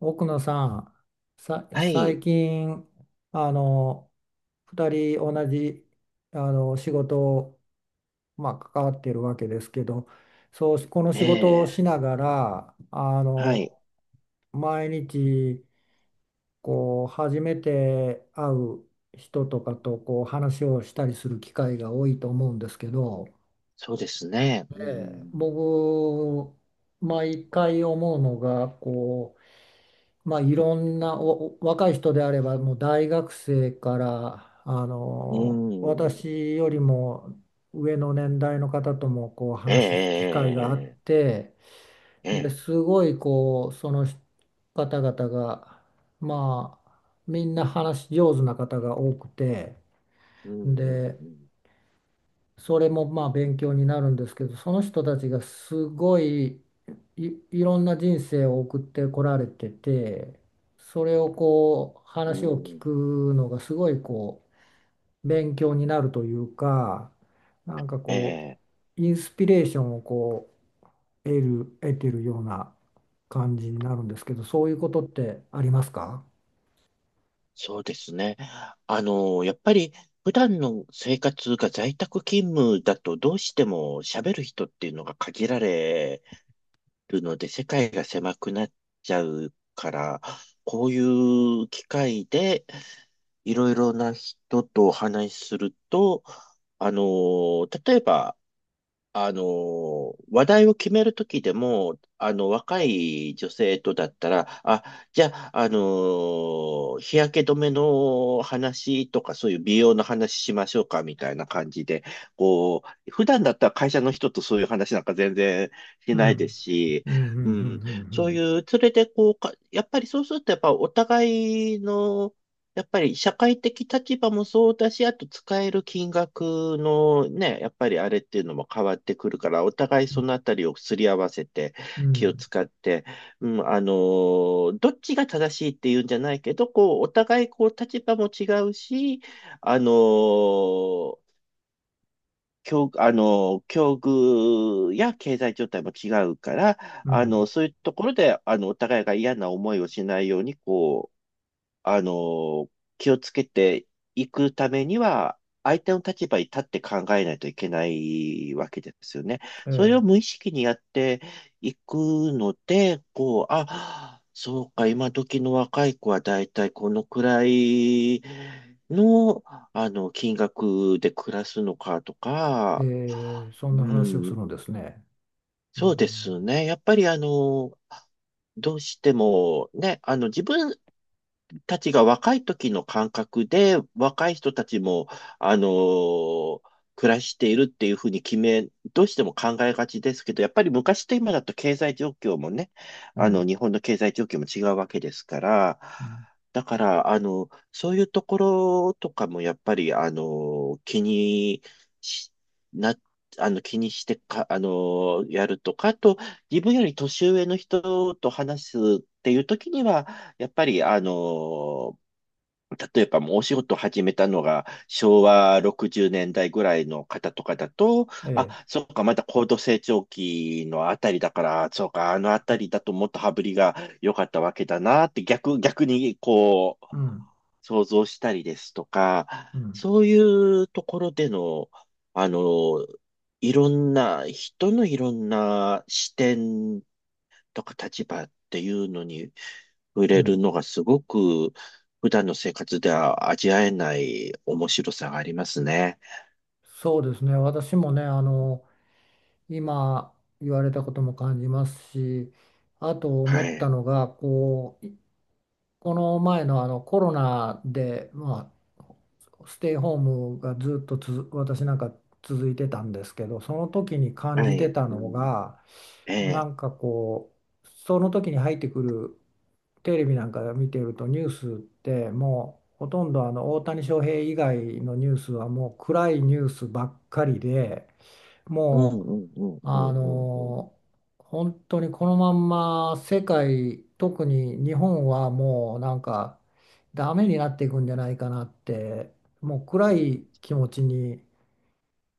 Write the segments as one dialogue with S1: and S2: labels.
S1: 奥野さん、
S2: は
S1: 最
S2: い。
S1: 近、あの、二人同じ、仕事を、関わっているわけですけど、そう、この
S2: え
S1: 仕事を
S2: え、
S1: しながら、
S2: はい。
S1: 毎日、こう、初めて会う人とかと、こう、話をしたりする機会が多いと思うんですけど、
S2: そうですね。う
S1: え
S2: ん。
S1: 僕、毎回思うのが、こう、まあ、いろんな若い人であればもう大学生から
S2: うん。
S1: 私よりも上の年代の方ともこう
S2: え
S1: 話す機会があっ
S2: え、
S1: て、
S2: ええ、え
S1: で
S2: え。
S1: すごいこうその方々がまあみんな話し上手な方が多くて、
S2: うん、
S1: で
S2: うん、
S1: それもまあ勉強になるんですけど、その人たちがすごい、いろんな人生を送ってこられてて、それをこう
S2: う
S1: 話を
S2: ん。う
S1: 聞
S2: ん。
S1: くのがすごいこう勉強になるというか、なんか
S2: え
S1: こ
S2: え、
S1: うインスピレーションをこう得てるような感じになるんですけど、そういうことってありますか？
S2: そうですね。やっぱり、普段の生活が在宅勤務だと、どうしても喋る人っていうのが限られるので、世界が狭くなっちゃうから、こういう機会で、いろいろな人とお話しすると、例えば、話題を決めるときでも、若い女性とだったら、あ、じゃあ、日焼け止めの話とか、そういう美容の話しましょうか、みたいな感じで、こう、普段だったら会社の人とそういう話なんか全然し
S1: う
S2: ないで
S1: ん、
S2: すし、
S1: うんうんう
S2: うん、そう
S1: ん
S2: いう、それでこうか、やっぱりそうすると、やっぱお互いの、やっぱり社会的立場もそうだし、あと使える金額のね、やっぱりあれっていうのも変わってくるから、お互いそのあたりをすり合わせて
S1: うんう
S2: 気を
S1: ん
S2: 使って、うん、どっちが正しいっていうんじゃないけど、こう、お互いこう立場も違うし、あのー境、あの、境遇や経済状態も違うから、
S1: うんうん。
S2: そういうところで、お互いが嫌な思いをしないように、こあの、気をつけていくためには、相手の立場に立って考えないといけないわけですよね。それを
S1: え
S2: 無意識にやっていくので、こう、あ、そうか、今時の若い子はだいたいこのくらいの、金額で暮らすのかと
S1: え
S2: か、
S1: ええ、そん
S2: う
S1: な話をす
S2: ん、
S1: るんですね。う
S2: そうで
S1: ん、
S2: すね。やっぱりどうしてもね、自分たちが若い時の感覚で、若い人たちも、あのー暮らしているっていうふうに決め、どうしても考えがちですけど、やっぱり昔と今だと経済状況もね、
S1: うん、
S2: 日本の経済状況も違うわけですから、
S1: うん。
S2: だから、そういうところとかもやっぱり、し、な、気にしてか、やるとか、あと、自分より年上の人と話すっていう時には、やっぱり、例えばもうお仕事を始めたのが昭和60年代ぐらいの方とかだと、
S1: ええ、
S2: あ、そうか、まだ高度成長期のあたりだから、そうか、あのあたりだともっと羽振りが良かったわけだなって逆にこう、
S1: うん、
S2: 想像したりですとか、
S1: うん、
S2: そういうところでの、あの、いろんな、人のいろんな視点とか立場っていうのに、触
S1: う
S2: れる
S1: ん。
S2: のがすごく普段の生活では味わえない面白さがありますね。
S1: そうですね。私もね、あの、今言われたことも感じますし、あと
S2: は
S1: 思った
S2: い。
S1: のが、こう、この前のあのコロナで、まあ、ステイホームがずっとつづ私なんか続いてたんですけど、その時に感
S2: は
S1: じて
S2: い。
S1: た
S2: う
S1: の
S2: ん。
S1: が、
S2: え
S1: な
S2: え。
S1: んかこう、その時に入ってくるテレビなんか見てると、ニュースってもうほとんどあの大谷翔平以外のニュースはもう暗いニュースばっかりで、
S2: うん
S1: も
S2: うんうん
S1: う
S2: うん
S1: あ
S2: うんうん。
S1: の本当にこのまんま世界、特に日本はもうなんかダメになっていくんじゃないかなって、もう暗
S2: うん
S1: い気持ちに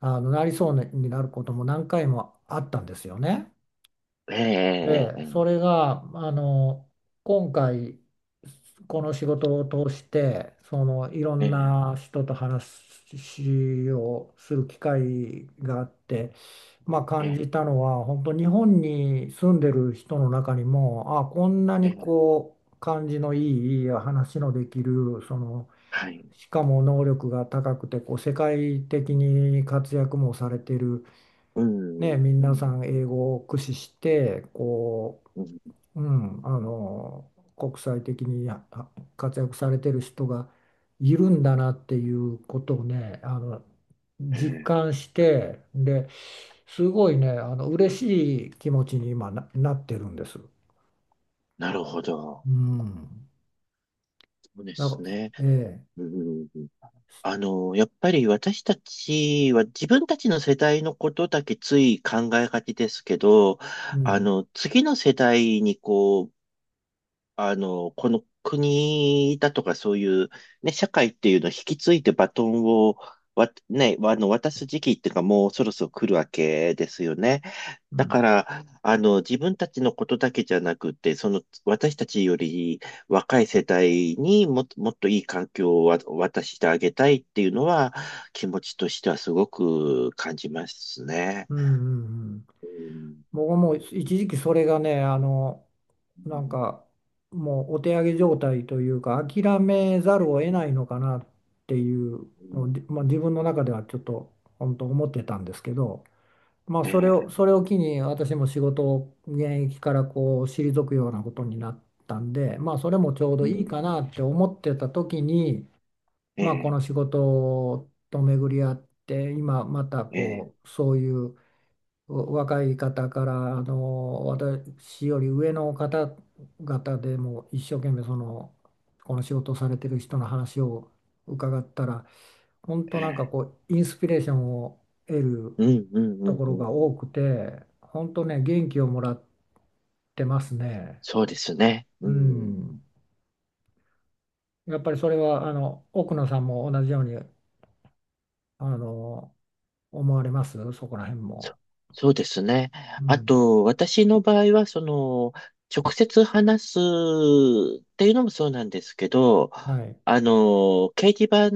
S1: あのなりそうになることも何回もあったんですよね。
S2: え
S1: で、そ
S2: ええ
S1: れが、あの、今回、この仕事を通して、その、いろん
S2: えええ
S1: な人と話をする機会があって、まあ、感じた
S2: え
S1: のは、本当、日本に住んでる人の中にも、あ、こんな
S2: え
S1: に
S2: えええ
S1: こう、感じのいい、話のできる、その、
S2: はい。
S1: しかも能力が高くて、こう、世界的に活躍もされてる、
S2: うんう
S1: ね、
S2: んう
S1: 皆さん
S2: ん
S1: 英語を駆使してこ
S2: うん。
S1: うん、あの国際的に活躍されてる人がいるんだなっていうことをね、あの
S2: え
S1: 実
S2: え。
S1: 感して、ですごいねあの嬉しい気持ちに今なってるんです。
S2: なるほど。
S1: うん、
S2: そうで
S1: なん
S2: す
S1: か
S2: ね。
S1: ええ
S2: うんうんうん。やっぱり私たちは自分たちの世代のことだけつい考えがちですけど、
S1: うん
S2: 次の世代にこう、この国だとかそういう、ね、社会っていうのを引き継いでバトンを、ね、渡す時期っていうかもうそろそろ来るわけですよね。
S1: う
S2: だ
S1: ん
S2: から、自分たちのことだけじゃなくて、その、私たちより若い世代にもっと、もっといい環境を渡してあげたいっていうのは、気持ちとしてはすごく感じますね。
S1: うんうんうん。
S2: うん、
S1: 僕はもう一時期それがねあの
S2: う
S1: なん
S2: ん、
S1: かもうお手上げ状態というか諦めざるを得ないのかなっていう
S2: う
S1: の
S2: ん
S1: を、まあ、自分の中ではちょっと本当思ってたんですけど、まあ、
S2: ええ、
S1: それを機に私も仕事を現役からこう退くようなことになったんで、まあ、それもちょう
S2: う
S1: どいい
S2: ん、
S1: かなって思ってた時に、
S2: え
S1: まあ、こ
S2: え、
S1: の仕事と巡り合って今また
S2: ええ、
S1: こうそういう若い方からあの私より上の方々でも一生懸命そのこの仕事をされてる人の話を伺ったら、本当なんか
S2: ええ
S1: こうインスピレーションを得る
S2: うん、うん、う
S1: と
S2: ん、
S1: こ
S2: う
S1: ろ
S2: ん。
S1: が
S2: う
S1: 多
S2: ん
S1: くて、本当ね元気をもらってますね。
S2: そうですね。う
S1: う
S2: ん。
S1: ん、やっぱりそれはあの奥野さんも同じようにあの思われますそこら辺
S2: そ
S1: も？
S2: そうですね。
S1: う
S2: あ
S1: ん、
S2: と、私の場合は、その、直接話すっていうのもそうなんですけど、
S1: はい。
S2: 掲示板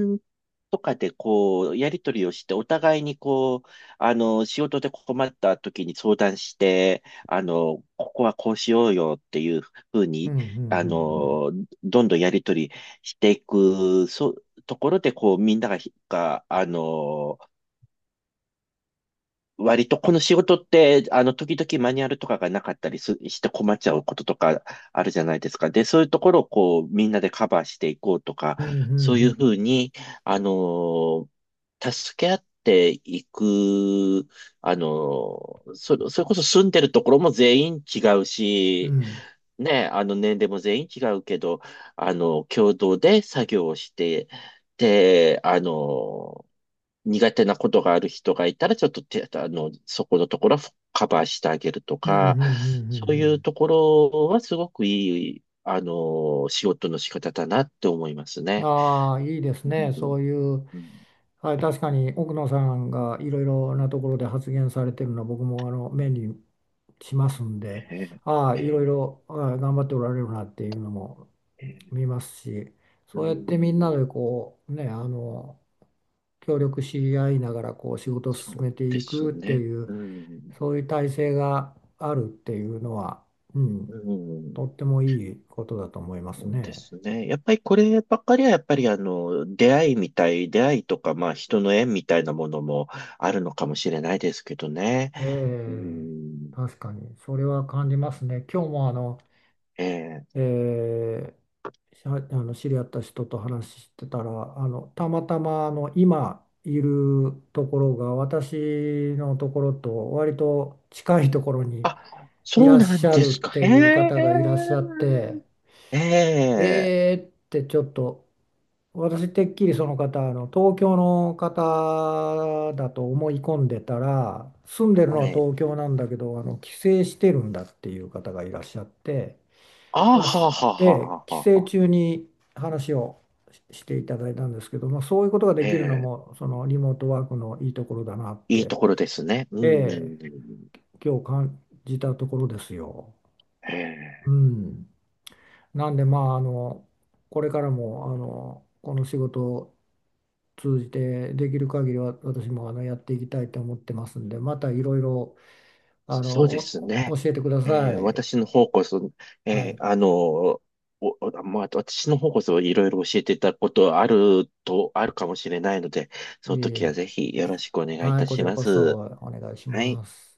S2: とかでこう、やり取りをして、お互いにこう、仕事で困った時に相談して、ここはこうしようよっていうふう
S1: うんう
S2: に、
S1: ん
S2: あ
S1: うんうん。
S2: の、どんどんやり取りしていく、そう、ところで、こう、みんながひ、が、あの、割とこの仕事って、時々マニュアルとかがなかったりすして困っちゃうこととかあるじゃないですか。で、そういうところをこう、みんなでカバーしていこうとか、
S1: うん、う
S2: そういう
S1: ん、
S2: ふうに、あのー助け合っていく、あのそれこそ住んでるところも全員違う
S1: う
S2: し、
S1: ん、
S2: ね、年齢も全員違うけど、共同で作業をして、で、苦手なことがある人がいたら、ちょっと手、あの、そこのところはカバーしてあげると
S1: うん、うん、うん、う
S2: か、
S1: んう
S2: そういう
S1: ん
S2: ところはすごくいい、仕事の仕方だなって思います
S1: うん。
S2: ね。
S1: ああー、いいですね。
S2: うん
S1: そういう、
S2: うん、
S1: はい、確かに奥野さんがいろいろなところで発言されてるのは僕もあの目にしますんで、
S2: え
S1: ああ、
S2: え
S1: いろい
S2: ええ
S1: ろああ頑張っておられるなっていうのも
S2: ええ
S1: 見ますし、
S2: う
S1: そうやってみんな
S2: ん、
S1: でこう、ね、あの、協力し合いながらこう仕事を
S2: そ
S1: 進
S2: う
S1: めて
S2: で
S1: い
S2: す
S1: くって
S2: ね。
S1: いう
S2: うん、
S1: そういう体制があるっていうのは、うん
S2: うん、
S1: とってもいいことだと思いま
S2: そ
S1: す
S2: うで
S1: ね。
S2: すね。やっぱりこればっかりは、やっぱり出会いとか、まあ人の縁みたいなものもあるのかもしれないですけどね。
S1: え
S2: う
S1: え、
S2: ん
S1: 確かに、それは感じますね。今日もあの、
S2: ええ
S1: ええ、あの知り合った人と話してたら、あの、たまたまあの今いるところが私のところと割と近いところに
S2: あ、
S1: い
S2: そう
S1: らっ
S2: なん
S1: しゃ
S2: で
S1: るっ
S2: すか。
S1: て
S2: へ
S1: いう
S2: え。
S1: 方がいらっしゃって、
S2: ええ。
S1: えーってちょっと、私てっきりその方、あの東京の方だと思い込んでたら、住んでる
S2: は
S1: のは
S2: い。
S1: 東京なんだけど、あの帰省してるんだっていう方がいらっしゃって、だ
S2: あ
S1: か
S2: ー
S1: ら
S2: は
S1: す
S2: あ、はあ、
S1: え
S2: はあ、
S1: え、
S2: は
S1: 帰
S2: あ、は
S1: 省
S2: あ。
S1: 中に話をしていただいたんですけど、まあ、そういうことが
S2: え
S1: できるの
S2: え。
S1: も、そのリモートワークのいいところだなっ
S2: いいと
S1: て、
S2: ころですね。うん。
S1: ええ、今日感じたところですよ。
S2: え
S1: う
S2: え。
S1: ん、なんで、まあ、あの、これからも、あの、この仕事を通じてできる限りは私もあのやっていきたいと思ってますんで、またいろいろ、あの、
S2: そうですね。
S1: 教えてくだ
S2: ええ、
S1: さい。
S2: 私の方こそ、え
S1: は
S2: え、
S1: い。
S2: あの、お、おまあ、私の方こそいろいろ教えていただくことあるかもしれないので、
S1: い
S2: その
S1: えい
S2: 時は
S1: え。
S2: ぜひよろしくお願いい
S1: は
S2: た
S1: い、こち
S2: し
S1: ら
S2: ま
S1: こそ
S2: す。
S1: お願いし
S2: はい。
S1: ます。